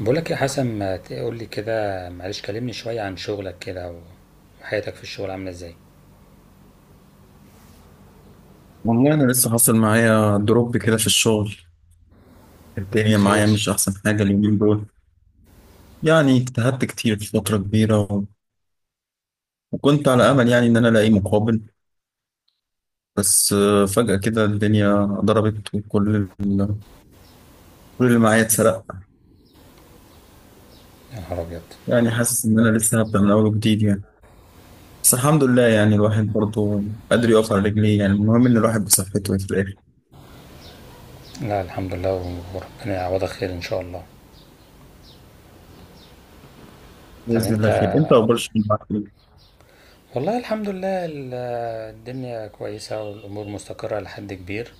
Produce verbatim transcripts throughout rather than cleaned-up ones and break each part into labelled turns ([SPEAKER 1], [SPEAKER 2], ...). [SPEAKER 1] بقولك يا حسن، ما تقول لي كده؟ معلش، كلمني شوية عن شغلك كده وحياتك في الشغل عاملة ازاي.
[SPEAKER 2] والله أنا لسه حاصل معايا دروب كده في الشغل. الدنيا معايا
[SPEAKER 1] خير.
[SPEAKER 2] مش أحسن حاجة اليومين دول. يعني اجتهدت كتير فترة كبيرة و... وكنت على أمل، يعني إن أنا ألاقي مقابل. بس آه، فجأة كده الدنيا ضربت، وكل ال... كل اللي معايا اتسرق.
[SPEAKER 1] يا نهار أبيض.
[SPEAKER 2] يعني حاسس إن أنا لسه هبدأ من أول وجديد يعني. بس الحمد لله، يعني الواحد برضه قادر يقف على رجليه. يعني المهم إن الواحد بصحته في الآخر.
[SPEAKER 1] لا الحمد لله وربنا يعوضك خير إن شاء الله. طب
[SPEAKER 2] بإذن
[SPEAKER 1] أنت،
[SPEAKER 2] الله خير. أنت أخبار الشغل معاك إيه؟
[SPEAKER 1] والله الحمد لله ال- الدنيا كويسة والأمور مستقرة لحد كبير.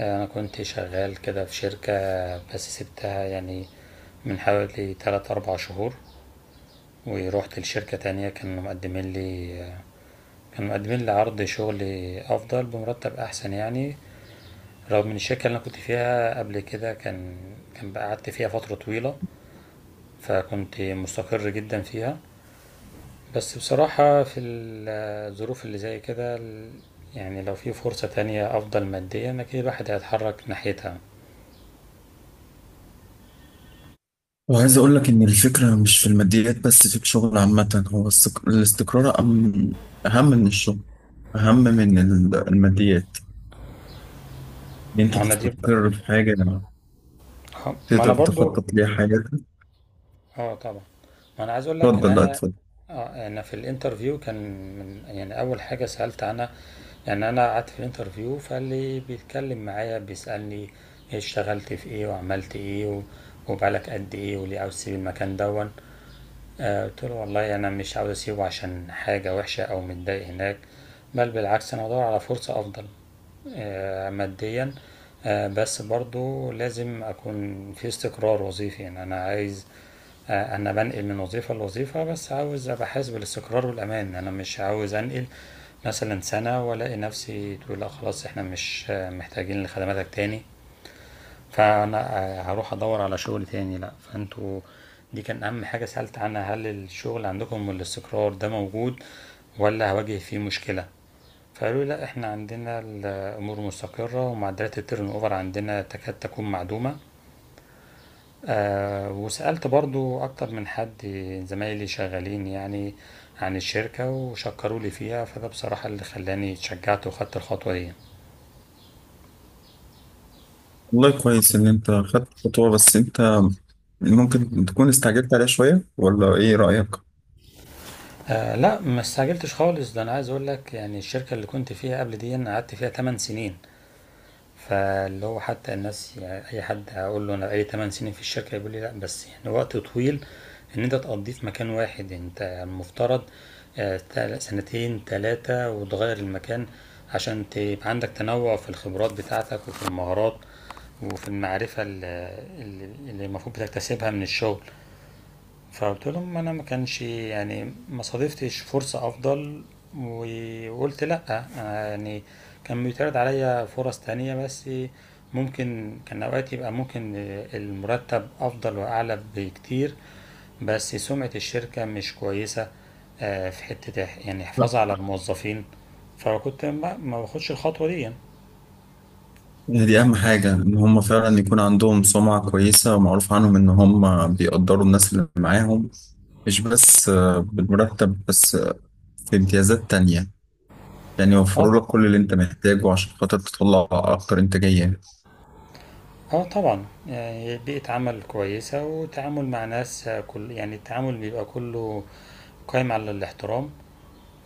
[SPEAKER 1] أنا كنت شغال كده في شركة بس سبتها يعني من حوالي تلات أربع شهور، ورحت لشركة تانية كانوا مقدمين لي، كانوا مقدمين لي عرض شغل أفضل بمرتب أحسن يعني. رغم ان الشركة اللي انا كنت فيها قبل كده كان كان بقى قعدت فيها فترة طويلة فكنت مستقر جدا فيها. بس بصراحة في ال- الظروف اللي زي كده ال- يعني لو في فرصة تانية أفضل ماديا أكيد الواحد هيتحرك ناحيتها.
[SPEAKER 2] وعايز أقول لك إن الفكرة مش في الماديات بس، في الشغل عامة هو السك- الاستقرار أم- أهم من الشغل، أهم من ال- الماديات، إن
[SPEAKER 1] ما
[SPEAKER 2] أنت
[SPEAKER 1] هو أنا دي،
[SPEAKER 2] تستقر في حاجة
[SPEAKER 1] ما أنا
[SPEAKER 2] تقدر
[SPEAKER 1] برضو،
[SPEAKER 2] تخطط ليها حاجاتك.
[SPEAKER 1] اه طبعا. ما انا عايز اقول لك ان
[SPEAKER 2] اتفضل، لا
[SPEAKER 1] انا،
[SPEAKER 2] اتفضل.
[SPEAKER 1] آه انا في الانترفيو كان من يعني اول حاجه سالت عنها، يعني انا قعدت في الانترفيو فاللي بيتكلم معايا بيسالني إيه، اشتغلت في ايه وعملت ايه و- وبقالك قد ايه وليه عاوز تسيب المكان دون. آه قلت له والله انا مش عاوز اسيبه عشان حاجه وحشه او متضايق هناك، بل بالعكس انا بدور على فرصه افضل آه، ماديا. آه، بس برضو لازم أكون في استقرار وظيفي، يعني أنا عايز، آه، أنا بنقل من وظيفة لوظيفة بس عاوز أبقى حاسس بالاستقرار والأمان، أنا مش عاوز أنقل مثلا سنة وألاقي نفسي تقول لا خلاص إحنا مش آه، محتاجين لخدماتك تاني، فأنا آه، هروح أدور على شغل تاني، لأ فأنتوا دي كان أهم حاجة سألت عنها، هل الشغل عندكم والاستقرار ده موجود ولا هواجه فيه مشكلة؟ فقالوا لي لا احنا عندنا الامور مستقره ومعدلات التيرن اوفر عندنا تكاد تكون معدومه. آه، وسالت برضو اكتر من حد زمايلي شغالين يعني عن الشركه وشكروا لي فيها، فده بصراحه اللي خلاني اتشجعت وخدت الخطوه دي.
[SPEAKER 2] والله كويس إن أنت خدت خطوة، بس أنت ممكن تكون استعجلت عليها شوية، ولا إيه رأيك؟
[SPEAKER 1] آه لا ما استعجلتش خالص، ده انا عايز اقول لك يعني الشركه اللي كنت فيها قبل دي أنا قعدت فيها ثمانية سنين، فاللي هو حتى الناس يعني اي حد هقول له انا بقالي تمن سنين في الشركه يقول لي لا بس يعني وقت طويل ان انت تقضيه في مكان واحد، انت المفترض آه، تل- سنتين تلاتة وتغير المكان عشان تبقى عندك تنوع في الخبرات بتاعتك وفي المهارات وفي المعرفة اللي اللي- اللي المفروض بتكتسبها من الشغل. فقلت لهم انا ما كانش يعني ما صادفتش فرصة افضل و- وقلت لا أنا يعني كان بيتعرض عليا فرص تانية بس ممكن كان اوقات يبقى ممكن المرتب افضل واعلى بكتير بس سمعة الشركة مش كويسة آه، في حتة إح- يعني
[SPEAKER 2] لا.
[SPEAKER 1] حفاظ على الموظفين، فكنت ما ما باخدش الخطوة دي يعني.
[SPEAKER 2] دي أهم حاجة إن هم فعلا يكون عندهم سمعة كويسة ومعروف عنهم إن هم بيقدروا الناس اللي معاهم، مش بس آه، بالمرتب بس، في امتيازات تانية. يعني
[SPEAKER 1] اه.
[SPEAKER 2] يوفروا لك كل اللي انت محتاجه عشان خاطر تطلع اكتر انتاجية.
[SPEAKER 1] اه طبعا يعني بيئة عمل كويسة وتعامل مع ناس آه، كل يعني التعامل بيبقى كله قايم على الاحترام.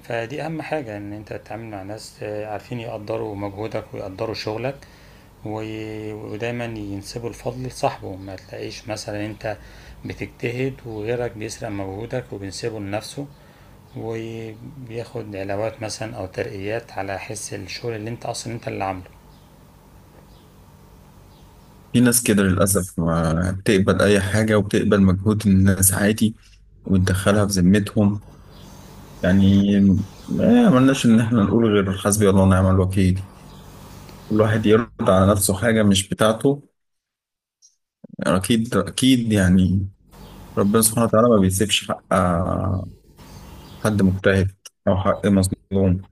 [SPEAKER 1] فدي اهم حاجة ان انت تتعامل مع ناس آه، عارفين يقدروا مجهودك ويقدروا شغلك و- ودايما ينسبوا الفضل لصاحبه، ما تلاقيش مثلا انت بتجتهد وغيرك بيسرق مجهودك وبينسبه لنفسه وبياخد علاوات مثلا او ترقيات على حس الشغل اللي انت اصلا انت اللي عامله.
[SPEAKER 2] في ناس كده للأسف ما بتقبل اي حاجة وبتقبل مجهود الناس عادي، وتدخلها في ذمتهم. يعني ما عملناش ان احنا نقول غير حسبي الله ونعم الوكيل. كل واحد يرد على نفسه حاجة مش بتاعته، يعني اكيد اكيد، يعني ربنا سبحانه وتعالى ما بيسيبش حق آه، حد مجتهد او حق مظلوم.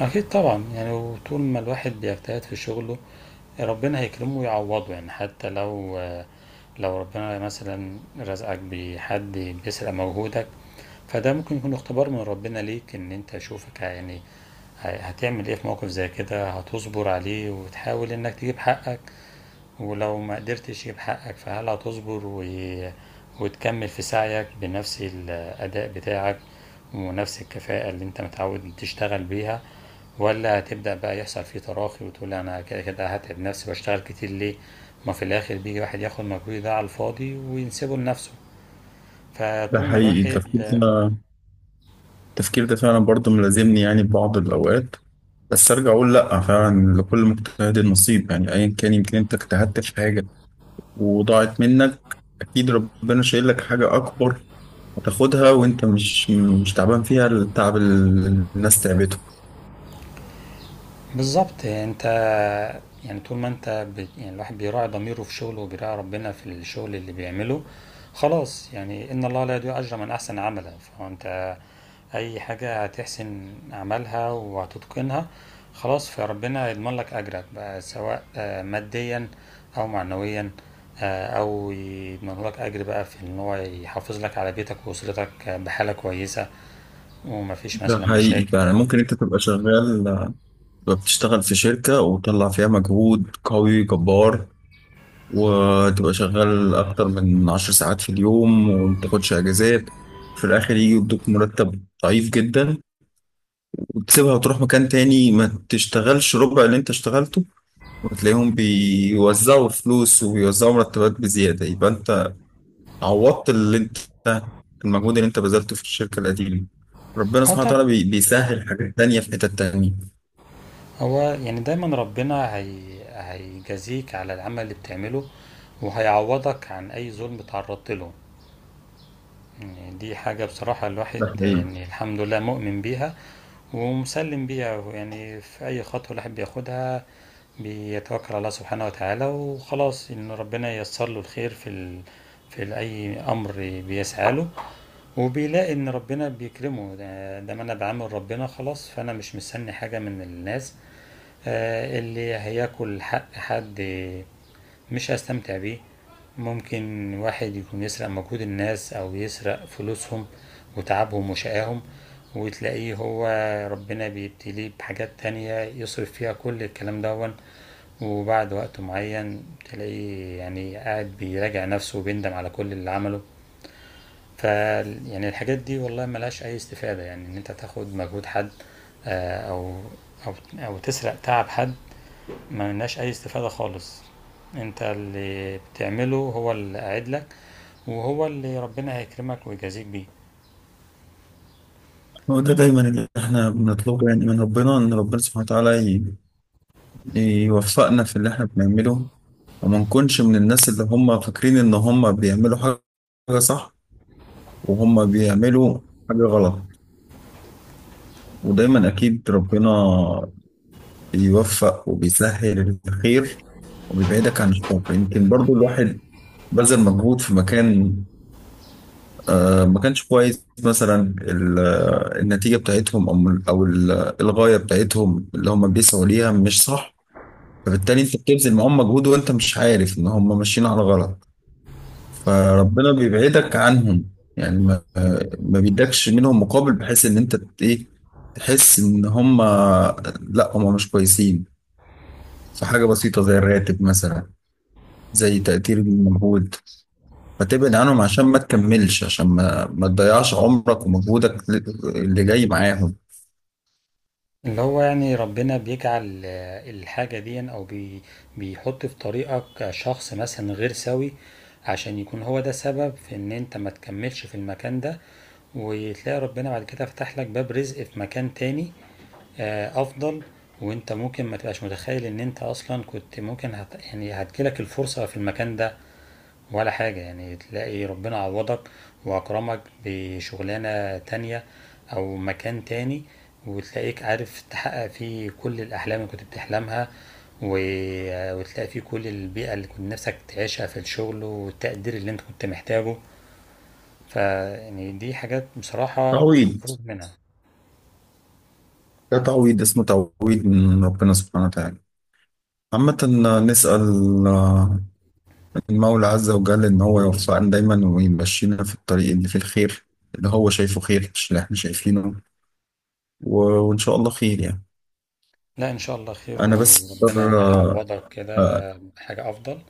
[SPEAKER 1] اكيد طبعا، يعني وطول ما الواحد بيجتهد في شغله ربنا هيكرمه ويعوضه. يعني حتى لو لو ربنا مثلا رزقك بحد بيسرق مجهودك فده ممكن يكون اختبار من ربنا ليك ان انت شوفك يعني ه- هتعمل ايه في موقف زي كده، هتصبر عليه وتحاول انك تجيب حقك، ولو ما قدرتش تجيب حقك فهل هتصبر و... وتكمل في سعيك بنفس الأداء بتاعك ونفس الكفاءة اللي انت متعود تشتغل بيها، ولا هتبدأ بقى يحصل فيه تراخي وتقول لا أنا كده كده هتعب نفسي وأشتغل كتير ليه ما في الآخر بيجي واحد ياخد مجهود ده على الفاضي وينسبه لنفسه.
[SPEAKER 2] ده
[SPEAKER 1] فطول ما
[SPEAKER 2] حقيقي
[SPEAKER 1] الواحد
[SPEAKER 2] التفكير ده، التفكير ده فعلا برضه ملازمني يعني في بعض الأوقات، بس ارجع اقول لا، فعلا لكل مجتهد نصيب. يعني ايا كان يمكن انت اجتهدت في حاجه وضاعت منك، اكيد ربنا شايل لك حاجه اكبر، هتاخدها وانت مش مش تعبان فيها التعب اللي الناس تعبته.
[SPEAKER 1] بالضبط انت، يعني طول ما انت ب... يعني الواحد بيراعي ضميره في شغله وبيراعي ربنا في الشغل اللي بيعمله خلاص، يعني ان الله لا يضيع اجر من احسن عملا. فانت اي حاجة هتحسن عملها وهتتقنها خلاص فربنا يضمن لك اجرك بقى، سواء آه، ماديا او معنويا، آه، او يضمن لك اجر بقى في ان هو يحافظ لك على بيتك واسرتك آه، بحالة كويسة ومفيش
[SPEAKER 2] ده
[SPEAKER 1] مثلا
[SPEAKER 2] حقيقي.
[SPEAKER 1] مشاكل.
[SPEAKER 2] فعلا ممكن انت تبقى شغال، تبقى بتشتغل في شركه وتطلع فيها مجهود قوي جبار، وتبقى شغال اكتر من عشر ساعات في اليوم ومتاخدش اجازات، في الاخر يجي يدوك مرتب ضعيف جدا. وتسيبها وتروح مكان تاني ما تشتغلش ربع اللي انت اشتغلته، وتلاقيهم بيوزعوا فلوس وبيوزعوا مرتبات بزيادة. يبقى انت عوضت اللي انت، المجهود اللي انت بذلته في الشركة القديمة. ربنا
[SPEAKER 1] اه
[SPEAKER 2] سبحانه وتعالى
[SPEAKER 1] طبعا.
[SPEAKER 2] بي- بيسهل حاجات تانية في حتت تانية.
[SPEAKER 1] هو يعني دايما ربنا هي... هيجازيك على العمل اللي بتعمله وهيعوضك عن أي ظلم تعرضت له. يعني دي حاجة بصراحة الواحد
[SPEAKER 2] ده حقيقي.
[SPEAKER 1] يعني الحمد لله مؤمن بيها ومسلم بيها. يعني في أي خطوة الواحد بياخدها بيتوكل على الله سبحانه وتعالى وخلاص، إن ربنا ييسر له الخير في ال... في أي أمر بيسعى له، وبيلاقي إن ربنا بيكرمه. ده ما أنا بعمل ربنا خلاص، فأنا مش مستني حاجة من الناس آه، اللي هياكل حق حد مش هستمتع بيه. ممكن واحد يكون يسرق مجهود الناس او يسرق فلوسهم وتعبهم وشقاهم، وتلاقيه هو ربنا بيبتليه بحاجات تانية يصرف فيها كل الكلام دون، وبعد وقت معين تلاقيه يعني قاعد بيراجع نفسه وبيندم على كل اللي عمله. ف يعني الحاجات دي والله ملهاش اي استفادة، يعني ان انت تاخد مجهود حد آه، او او او تسرق تعب حد ما مناش اي استفادة خالص. انت اللي بتعمله هو اللي قاعد لك وهو اللي ربنا هيكرمك ويجازيك بيه.
[SPEAKER 2] هو ده دايما اللي احنا بنطلبه، يعني من ربنا ان ربنا سبحانه وتعالى ي- يوفقنا في اللي احنا بنعمله، وما نكونش من الناس اللي هم فاكرين ان هم بيعملوا حاجة صح وهم بيعملوا حاجة غلط. ودايما أكيد ربنا بيوفق وبيسهل الخير وبيبعدك عن الشر. يمكن برضو الواحد بذل مجهود في مكان آه ما كانش كويس مثلا، ال- آه، النتيجة بتاعتهم، أو أو ال- آه، الغاية بتاعتهم اللي هم بيسعوا ليها مش صح، فبالتالي أنت بتبذل معاهم مجهود وأنت مش عارف إن هم ماشيين على غلط. فربنا بيبعدك عنهم. يعني ما ما بيدكش منهم مقابل، بحيث ان انت ت- ايه تحس ان هم لا، هم مش كويسين في حاجة بسيطة زي الراتب مثلا، زي تقدير المجهود. فتبعد عنهم عشان ما تكملش، عشان ما ما تضيعش عمرك ومجهودك ل- اللي جاي معاهم.
[SPEAKER 1] اللي هو يعني ربنا بيجعل آه، الحاجة دي او بي بيحط في طريقك شخص مثلا غير سوي عشان يكون هو ده سبب في ان انت ما تكملش في المكان ده، وتلاقي ربنا بعد كده فتح لك باب رزق في مكان تاني آه، افضل. وانت ممكن ما تبقاش متخيل ان انت اصلا كنت ممكن هت... يعني هتجيلك الفرصة في المكان ده ولا حاجة، يعني تلاقي ربنا عوضك وأكرمك بشغلانة تانية أو مكان تاني، وتلاقيك عارف تحقق فيه كل الأحلام اللي كنت بتحلمها و- وتلاقي فيه كل البيئة اللي كنت نفسك تعيشها في الشغل والتقدير اللي انت كنت محتاجه. فيعني دي حاجات بصراحة
[SPEAKER 2] تعويض،
[SPEAKER 1] مفروغ منها.
[SPEAKER 2] ده تعويض، اسمه تعويض من ربنا سبحانه وتعالى. عامة نسأل المولى عز وجل إن هو يوفقنا دايما ويمشينا في الطريق اللي فيه الخير، اللي هو شايفه خير مش اللي احنا شايفينه. و- وإن شاء الله خير يعني.
[SPEAKER 1] لا إن شاء الله خير،
[SPEAKER 2] أنا بس أقدر
[SPEAKER 1] وربنا
[SPEAKER 2] آه،
[SPEAKER 1] هيعوضك كده
[SPEAKER 2] آه،
[SPEAKER 1] حاجة أفضل.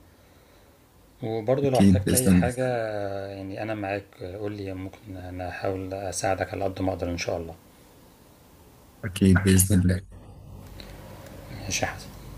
[SPEAKER 1] وبرضه لو
[SPEAKER 2] أكيد
[SPEAKER 1] احتجت اي
[SPEAKER 2] بإذن الله.
[SPEAKER 1] حاجة، يعني انا معاك قول لي، ممكن انا احاول اساعدك على قد ما اقدر ان شاء الله.
[SPEAKER 2] أكيد بإذن الله
[SPEAKER 1] ماشي يا حسن.